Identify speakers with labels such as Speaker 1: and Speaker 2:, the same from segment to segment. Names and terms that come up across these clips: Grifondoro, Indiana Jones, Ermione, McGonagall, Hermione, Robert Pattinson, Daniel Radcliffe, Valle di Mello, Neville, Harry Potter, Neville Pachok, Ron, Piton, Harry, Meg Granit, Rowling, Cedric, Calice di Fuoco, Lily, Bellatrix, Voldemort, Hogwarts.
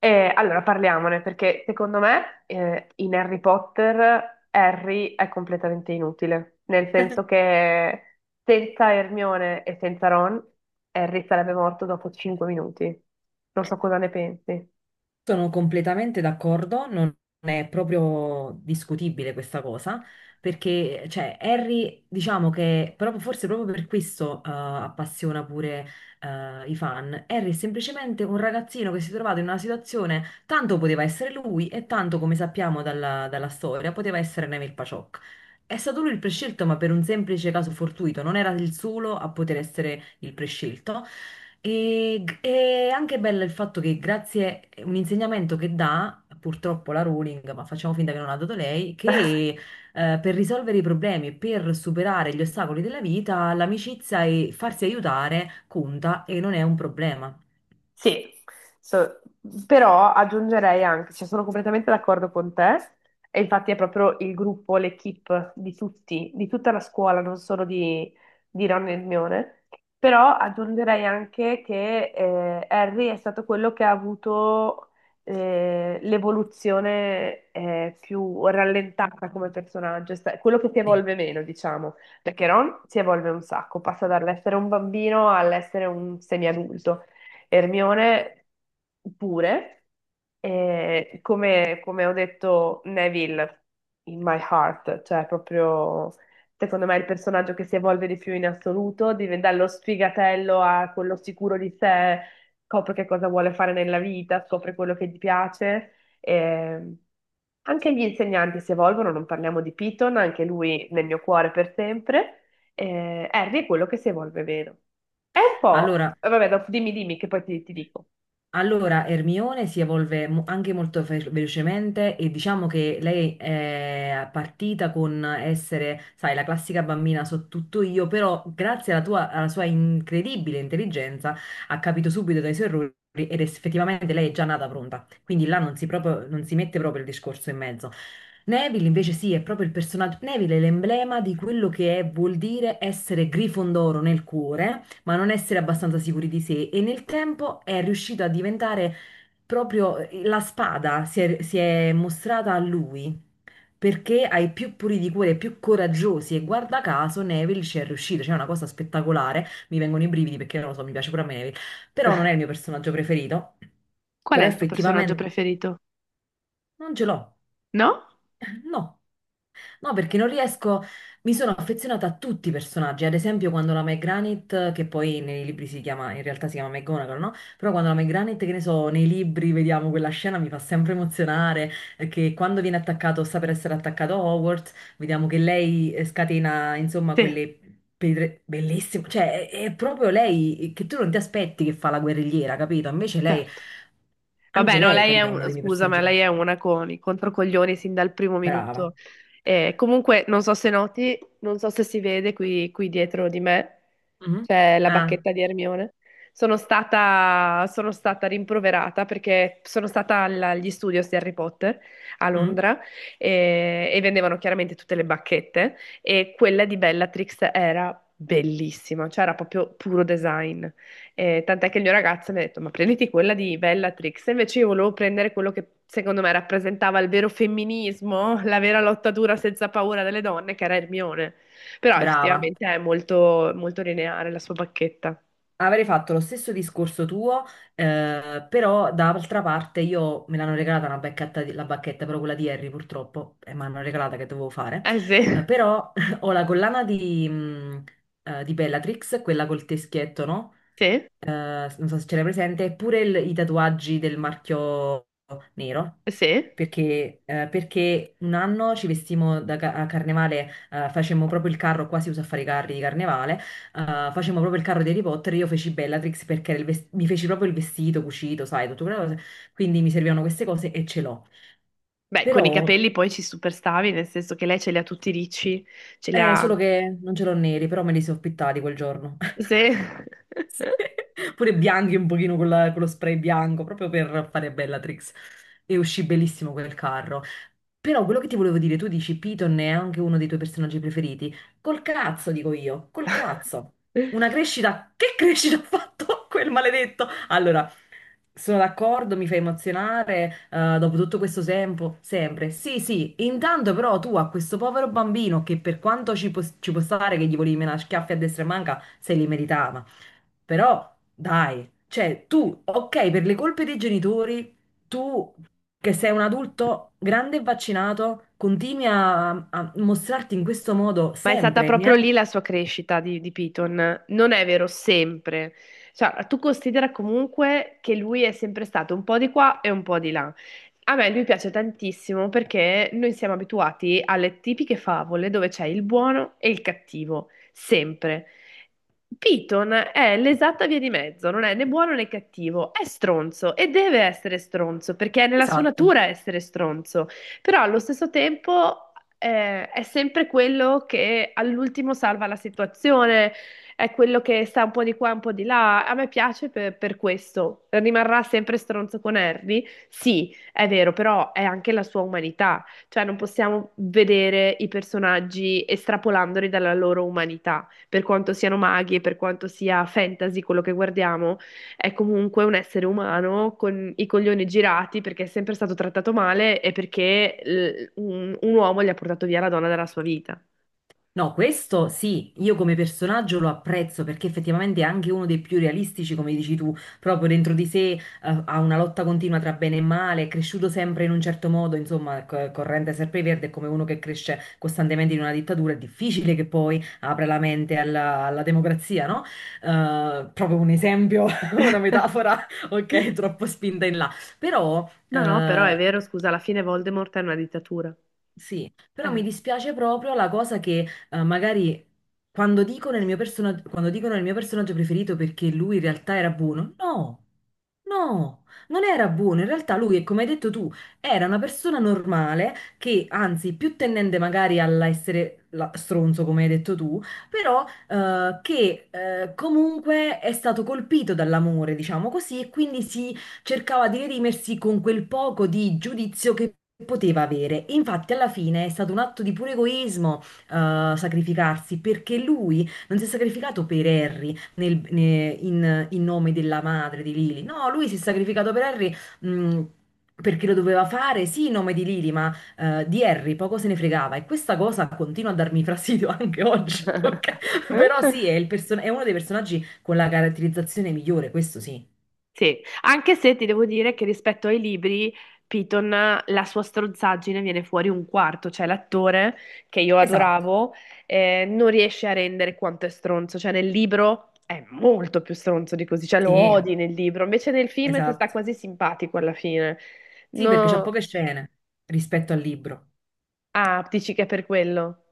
Speaker 1: Allora parliamone perché secondo me, in Harry Potter Harry è completamente inutile, nel senso che senza Hermione e senza Ron Harry sarebbe morto dopo 5 minuti. Non so cosa ne pensi.
Speaker 2: Sono completamente d'accordo, non è proprio discutibile questa cosa, perché cioè, Harry, diciamo che proprio- forse proprio per questo appassiona pure i fan. Harry è semplicemente un ragazzino che si è trovato in una situazione, tanto poteva essere lui e tanto, come sappiamo dalla storia, poteva essere Neville Pachok. È stato lui il prescelto, ma per un semplice caso fortuito, non era il solo a poter essere il prescelto e, è anche bello il fatto che grazie a un insegnamento che dà, purtroppo la Rowling, ma facciamo finta che non ha dato lei, che per risolvere i problemi, per superare gli ostacoli della vita, l'amicizia e farsi aiutare conta e non è un problema.
Speaker 1: Sì, so- però aggiungerei anche, cioè sono completamente d'accordo con te, e infatti è proprio il gruppo, l'equipe di tutti, di tutta la scuola, non solo di Ron e Hermione, però aggiungerei anche che Harry è stato quello che ha avuto l'evoluzione più rallentata come personaggio, quello che si
Speaker 2: Sì.
Speaker 1: evolve meno, diciamo, perché Ron si evolve un sacco, passa dall'essere un bambino all'essere un semiadulto. Hermione pure, e come, come ho detto, Neville in my heart, cioè proprio secondo me è il personaggio che si evolve di più in assoluto, dallo sfigatello a quello sicuro di sé, scopre che cosa vuole fare nella vita, scopre quello che gli piace. E anche gli insegnanti si evolvono, non parliamo di Piton, anche lui nel mio cuore per sempre. E Harry è quello che si evolve meno. È un po'.
Speaker 2: Allora,
Speaker 1: Vabbè, dopo dimmi, dimmi, che poi ti dico.
Speaker 2: Allora, Ermione si evolve anche molto velocemente e diciamo che lei è partita con essere, sai, la classica bambina so tutto io, però grazie alla sua incredibile intelligenza ha capito subito dai suoi errori ed effettivamente lei è già nata pronta. Quindi là non si mette proprio il discorso in mezzo. Neville invece sì, è proprio il personaggio. Neville è l'emblema di quello vuol dire essere Grifondoro nel cuore, ma non essere abbastanza sicuri di sé. E nel tempo è riuscito a diventare proprio la spada, si è mostrata a lui. Perché ai più puri di cuore, ai più coraggiosi, e guarda caso Neville ci è riuscito, cioè è una cosa spettacolare. Mi vengono i brividi perché non lo so, mi piace pure a me Neville, però non è il mio personaggio preferito.
Speaker 1: Qual è
Speaker 2: Però
Speaker 1: il tuo personaggio
Speaker 2: effettivamente
Speaker 1: preferito?
Speaker 2: non ce l'ho,
Speaker 1: No?
Speaker 2: no. No, perché non riesco, mi sono affezionata a tutti i personaggi, ad esempio quando la Meg Granit, che poi nei libri si chiama, in realtà si chiama McGonagall, no? Però quando la Meg Granit, che ne so, nei libri vediamo quella scena mi fa sempre emozionare, perché quando viene attaccato, sta per essere attaccato Hogwarts, vediamo che lei scatena, insomma,
Speaker 1: Sì,
Speaker 2: quelle pedre bellissime, cioè è proprio lei che tu non ti aspetti che fa la guerrigliera, capito? Invece lei,
Speaker 1: certo.
Speaker 2: anche
Speaker 1: Vabbè, no,
Speaker 2: lei,
Speaker 1: lei è
Speaker 2: capito, è uno
Speaker 1: un,
Speaker 2: dei miei
Speaker 1: scusa, ma
Speaker 2: personaggi.
Speaker 1: lei è una con i controcoglioni sin dal primo
Speaker 2: Brava.
Speaker 1: minuto. Comunque, non so se noti, non so se si vede qui, qui dietro di me,
Speaker 2: Mhm.
Speaker 1: c'è la
Speaker 2: Ah.
Speaker 1: bacchetta di Hermione. Sono stata rimproverata perché sono stata agli studios di Harry Potter a
Speaker 2: Mm.
Speaker 1: Londra e vendevano chiaramente tutte le bacchette e quella di Bellatrix era bellissima, cioè era proprio puro design. Tant'è che il mio ragazzo mi ha detto: ma prenditi quella di Bellatrix. E invece io volevo prendere quello che secondo me rappresentava il vero femminismo, la vera lotta dura senza paura delle donne, che era Hermione. Però
Speaker 2: Brava,
Speaker 1: effettivamente è molto, molto lineare la sua bacchetta.
Speaker 2: avrei fatto lo stesso discorso tuo, però d'altra parte io me l'hanno regalata una bacchetta, la bacchetta, però quella di Harry purtroppo, e me l'hanno regalata che dovevo fare,
Speaker 1: Eh sì,
Speaker 2: Però ho la collana di Bellatrix, quella col teschietto, no?
Speaker 1: sì,
Speaker 2: Eh, non so se ce l'hai presente, pure i tatuaggi del marchio nero,
Speaker 1: sì.
Speaker 2: perché, perché un anno ci vestimmo a carnevale, facemmo proprio il carro, qua si usa a fare i carri di carnevale, eh, facemmo proprio il carro di Harry Potter, io feci Bellatrix perché mi feci proprio il vestito cucito, sai, tutte quelle cose, quindi mi servivano queste cose e ce l'ho.
Speaker 1: Beh, con i
Speaker 2: Però,
Speaker 1: capelli poi ci superstavi, nel senso che lei ce li ha tutti ricci, ce li
Speaker 2: è
Speaker 1: ha.
Speaker 2: solo che non ce l'ho neri, però me li sono pittati quel giorno.
Speaker 1: Sì.
Speaker 2: Sì. Pure bianchi un pochino con, con lo spray bianco, proprio per fare Bellatrix. E uscì bellissimo quel carro. Però quello che ti volevo dire, tu dici Piton è anche uno dei tuoi personaggi preferiti. Col cazzo, dico io, col cazzo. Una crescita, che crescita ha fatto quel maledetto? Allora, sono d'accordo, mi fa emozionare, dopo tutto questo tempo, sempre. Sì, sì, intanto però tu a questo povero bambino che per quanto ci può stare che gli volevi menare schiaffi a destra e manca, se li meritava. Però, dai, cioè tu, ok, per le colpe dei genitori, tu che sei un adulto grande e vaccinato, continui a mostrarti in questo modo
Speaker 1: Ma è stata
Speaker 2: sempre.
Speaker 1: proprio lì la sua crescita di Piton. Non è vero sempre. Cioè, tu considera comunque che lui è sempre stato un po' di qua e un po' di là. A me lui piace tantissimo perché noi siamo abituati alle tipiche favole dove c'è il buono e il cattivo, sempre. Piton è l'esatta via di mezzo, non è né buono né cattivo, è stronzo e deve essere stronzo perché è nella sua
Speaker 2: Esatto.
Speaker 1: natura essere stronzo, però allo stesso tempo è sempre quello che all'ultimo salva la situazione, è quello che sta un po' di qua, un po' di là. A me piace per questo. Rimarrà sempre stronzo con Harry? Sì, è vero, però è anche la sua umanità, cioè non possiamo vedere i personaggi estrapolandoli dalla loro umanità, per quanto siano maghi e per quanto sia fantasy quello che guardiamo è comunque un essere umano con i coglioni girati perché è sempre stato trattato male e perché un uomo gli ha portato via la donna dalla sua vita.
Speaker 2: No, questo sì, io come personaggio lo apprezzo perché effettivamente è anche uno dei più realistici, come dici tu, proprio dentro di sé, ha una lotta continua tra bene e male, è cresciuto sempre in un certo modo, insomma, corrente Verde è come uno che cresce costantemente in una dittatura, è difficile che poi apra la mente alla democrazia, no? Proprio un esempio, una metafora, ok, troppo spinta in là, però...
Speaker 1: No, no, però è vero, scusa, alla fine Voldemort è una dittatura.
Speaker 2: sì, però
Speaker 1: Eh.
Speaker 2: mi dispiace proprio la cosa che magari quando dicono il mio personaggio preferito perché lui in realtà era buono, no, no, non era buono, in realtà lui, come hai detto tu, era una persona normale che anzi più tendente magari all'essere stronzo, come hai detto tu, però che comunque è stato colpito dall'amore, diciamo così, e quindi cercava di redimersi con quel poco di giudizio che poteva avere. E Infatti, alla fine è stato un atto di puro egoismo, sacrificarsi, perché lui non si è sacrificato per Harry in nome della madre di Lily. No, lui si è sacrificato per Harry, mh, Perché lo doveva fare, sì, in nome di Lily, ma di Harry poco se ne fregava e questa cosa continua a darmi fastidio anche oggi, ok? Però sì, è è uno dei personaggi con la caratterizzazione migliore, questo sì.
Speaker 1: Sì, anche se ti devo dire che rispetto ai libri, Piton, la sua strozzaggine viene fuori un quarto, cioè l'attore che io
Speaker 2: Esatto,
Speaker 1: adoravo non riesce a rendere quanto è stronzo, cioè nel libro è molto più stronzo di così, cioè lo
Speaker 2: sì.
Speaker 1: odi nel libro, invece nel film ti sta
Speaker 2: Esatto.
Speaker 1: quasi simpatico alla fine.
Speaker 2: Sì, perché c'ha
Speaker 1: No,
Speaker 2: poche scene rispetto al libro.
Speaker 1: ah, dici che è per quello.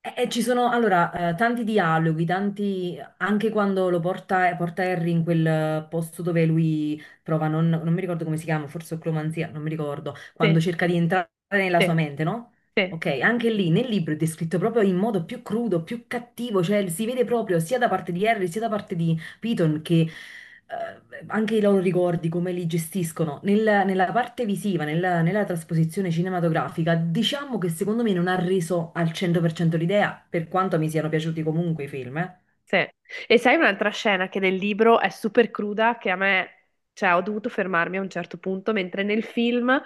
Speaker 2: E ci sono allora tanti dialoghi, tanti anche quando porta Harry in quel posto dove lui prova, non mi ricordo come si chiama, forse oclomanzia, non mi ricordo,
Speaker 1: Sì,
Speaker 2: quando cerca di entrare nella
Speaker 1: sì,
Speaker 2: sua mente, no?
Speaker 1: sì.
Speaker 2: Ok, anche lì nel libro è descritto proprio in modo più crudo, più cattivo, cioè si vede proprio sia da parte di Harry sia da parte di, capito che anche i loro ricordi, come li gestiscono nella parte visiva, nella trasposizione cinematografica, diciamo che secondo me non ha reso al 100% l'idea, per quanto mi siano piaciuti comunque i film, eh.
Speaker 1: Sì. E sai un'altra scena che nel libro è super cruda, che a me, cioè, ho dovuto fermarmi a un certo punto, mentre nel film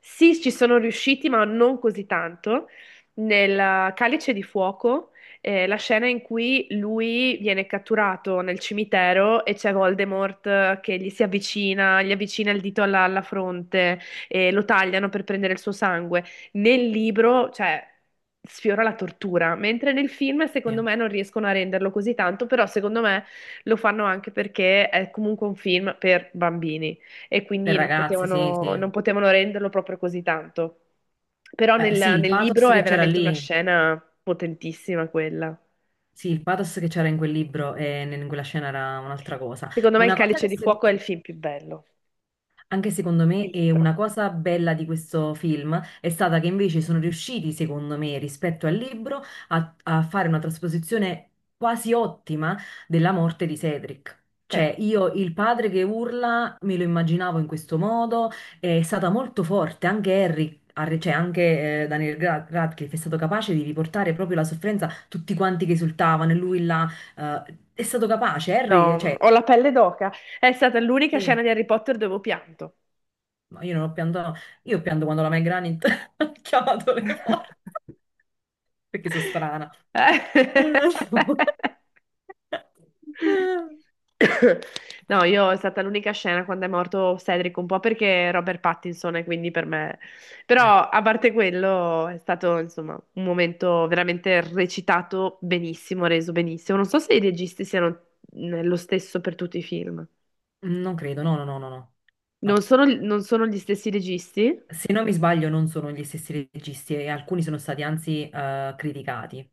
Speaker 1: sì, ci sono riusciti, ma non così tanto. Nel Calice di Fuoco, la scena in cui lui viene catturato nel cimitero e c'è Voldemort, che gli si avvicina, gli avvicina il dito alla, alla fronte e lo tagliano per prendere il suo sangue. Nel libro, cioè, sfiora la tortura, mentre nel film, secondo
Speaker 2: Sì.
Speaker 1: me, non riescono a renderlo così tanto, però secondo me lo fanno anche perché è comunque un film per bambini e
Speaker 2: Per
Speaker 1: quindi non
Speaker 2: ragazzi, sì,
Speaker 1: potevano, non
Speaker 2: sì.
Speaker 1: potevano renderlo proprio così tanto. Però
Speaker 2: Sì,
Speaker 1: nel,
Speaker 2: il
Speaker 1: nel
Speaker 2: pathos
Speaker 1: libro è
Speaker 2: che c'era
Speaker 1: veramente una
Speaker 2: lì,
Speaker 1: scena potentissima quella.
Speaker 2: sì, il pathos che c'era in quel libro e in quella scena era un'altra cosa.
Speaker 1: Secondo me Il
Speaker 2: Una cosa
Speaker 1: Calice
Speaker 2: che,
Speaker 1: di
Speaker 2: se-
Speaker 1: Fuoco è il film più bello,
Speaker 2: Anche secondo me,
Speaker 1: il
Speaker 2: e
Speaker 1: libro.
Speaker 2: una cosa bella di questo film è stata che invece sono riusciti, secondo me, rispetto al libro, a fare una trasposizione quasi ottima della morte di Cedric.
Speaker 1: Eh,
Speaker 2: Cioè, io il padre che urla me lo immaginavo in questo modo, è stata molto forte, anche cioè anche Radcliffe è stato capace di riportare proprio la sofferenza, tutti quanti che esultavano, e lui là, eh, è stato capace,
Speaker 1: no,
Speaker 2: Harry, cioè,
Speaker 1: ho la pelle d'oca. È stata l'unica
Speaker 2: sì.
Speaker 1: scena di Harry Potter dove ho pianto.
Speaker 2: Ma io non ho pianto, io pianto quando la Meg Granit ha chiamato le forze, perché sono strana.
Speaker 1: No, io è stata l'unica scena quando è morto Cedric, un po' perché Robert Pattinson e quindi per me.
Speaker 2: Eh,
Speaker 1: Però a parte quello è stato, insomma, un momento veramente recitato benissimo, reso benissimo. Non so se i registi siano lo stesso per tutti i film.
Speaker 2: non credo, no, no, no, no, no.
Speaker 1: Non
Speaker 2: No.
Speaker 1: sono, non sono gli stessi registi?
Speaker 2: Se non mi sbaglio non sono gli stessi registi e alcuni sono stati anzi criticati.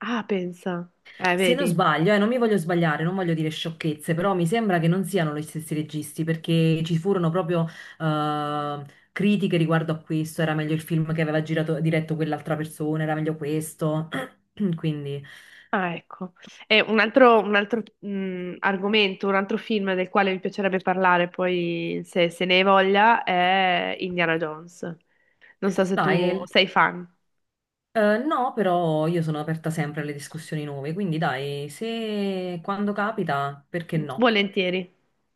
Speaker 1: Ah, pensa.
Speaker 2: Se non
Speaker 1: Vedi.
Speaker 2: sbaglio, non mi voglio sbagliare, non voglio dire sciocchezze, però mi sembra che non siano gli stessi registi, perché ci furono proprio eh, critiche riguardo a questo, era meglio il film che aveva girato, diretto quell'altra persona, era meglio questo. Quindi,
Speaker 1: Ah, ecco. E un altro argomento, un altro film del quale mi piacerebbe parlare poi, se, se ne hai voglia, è Indiana Jones. Non so se tu
Speaker 2: dai,
Speaker 1: sei fan.
Speaker 2: no, però io sono aperta sempre alle discussioni nuove, quindi dai, se quando capita, perché no?
Speaker 1: Volentieri.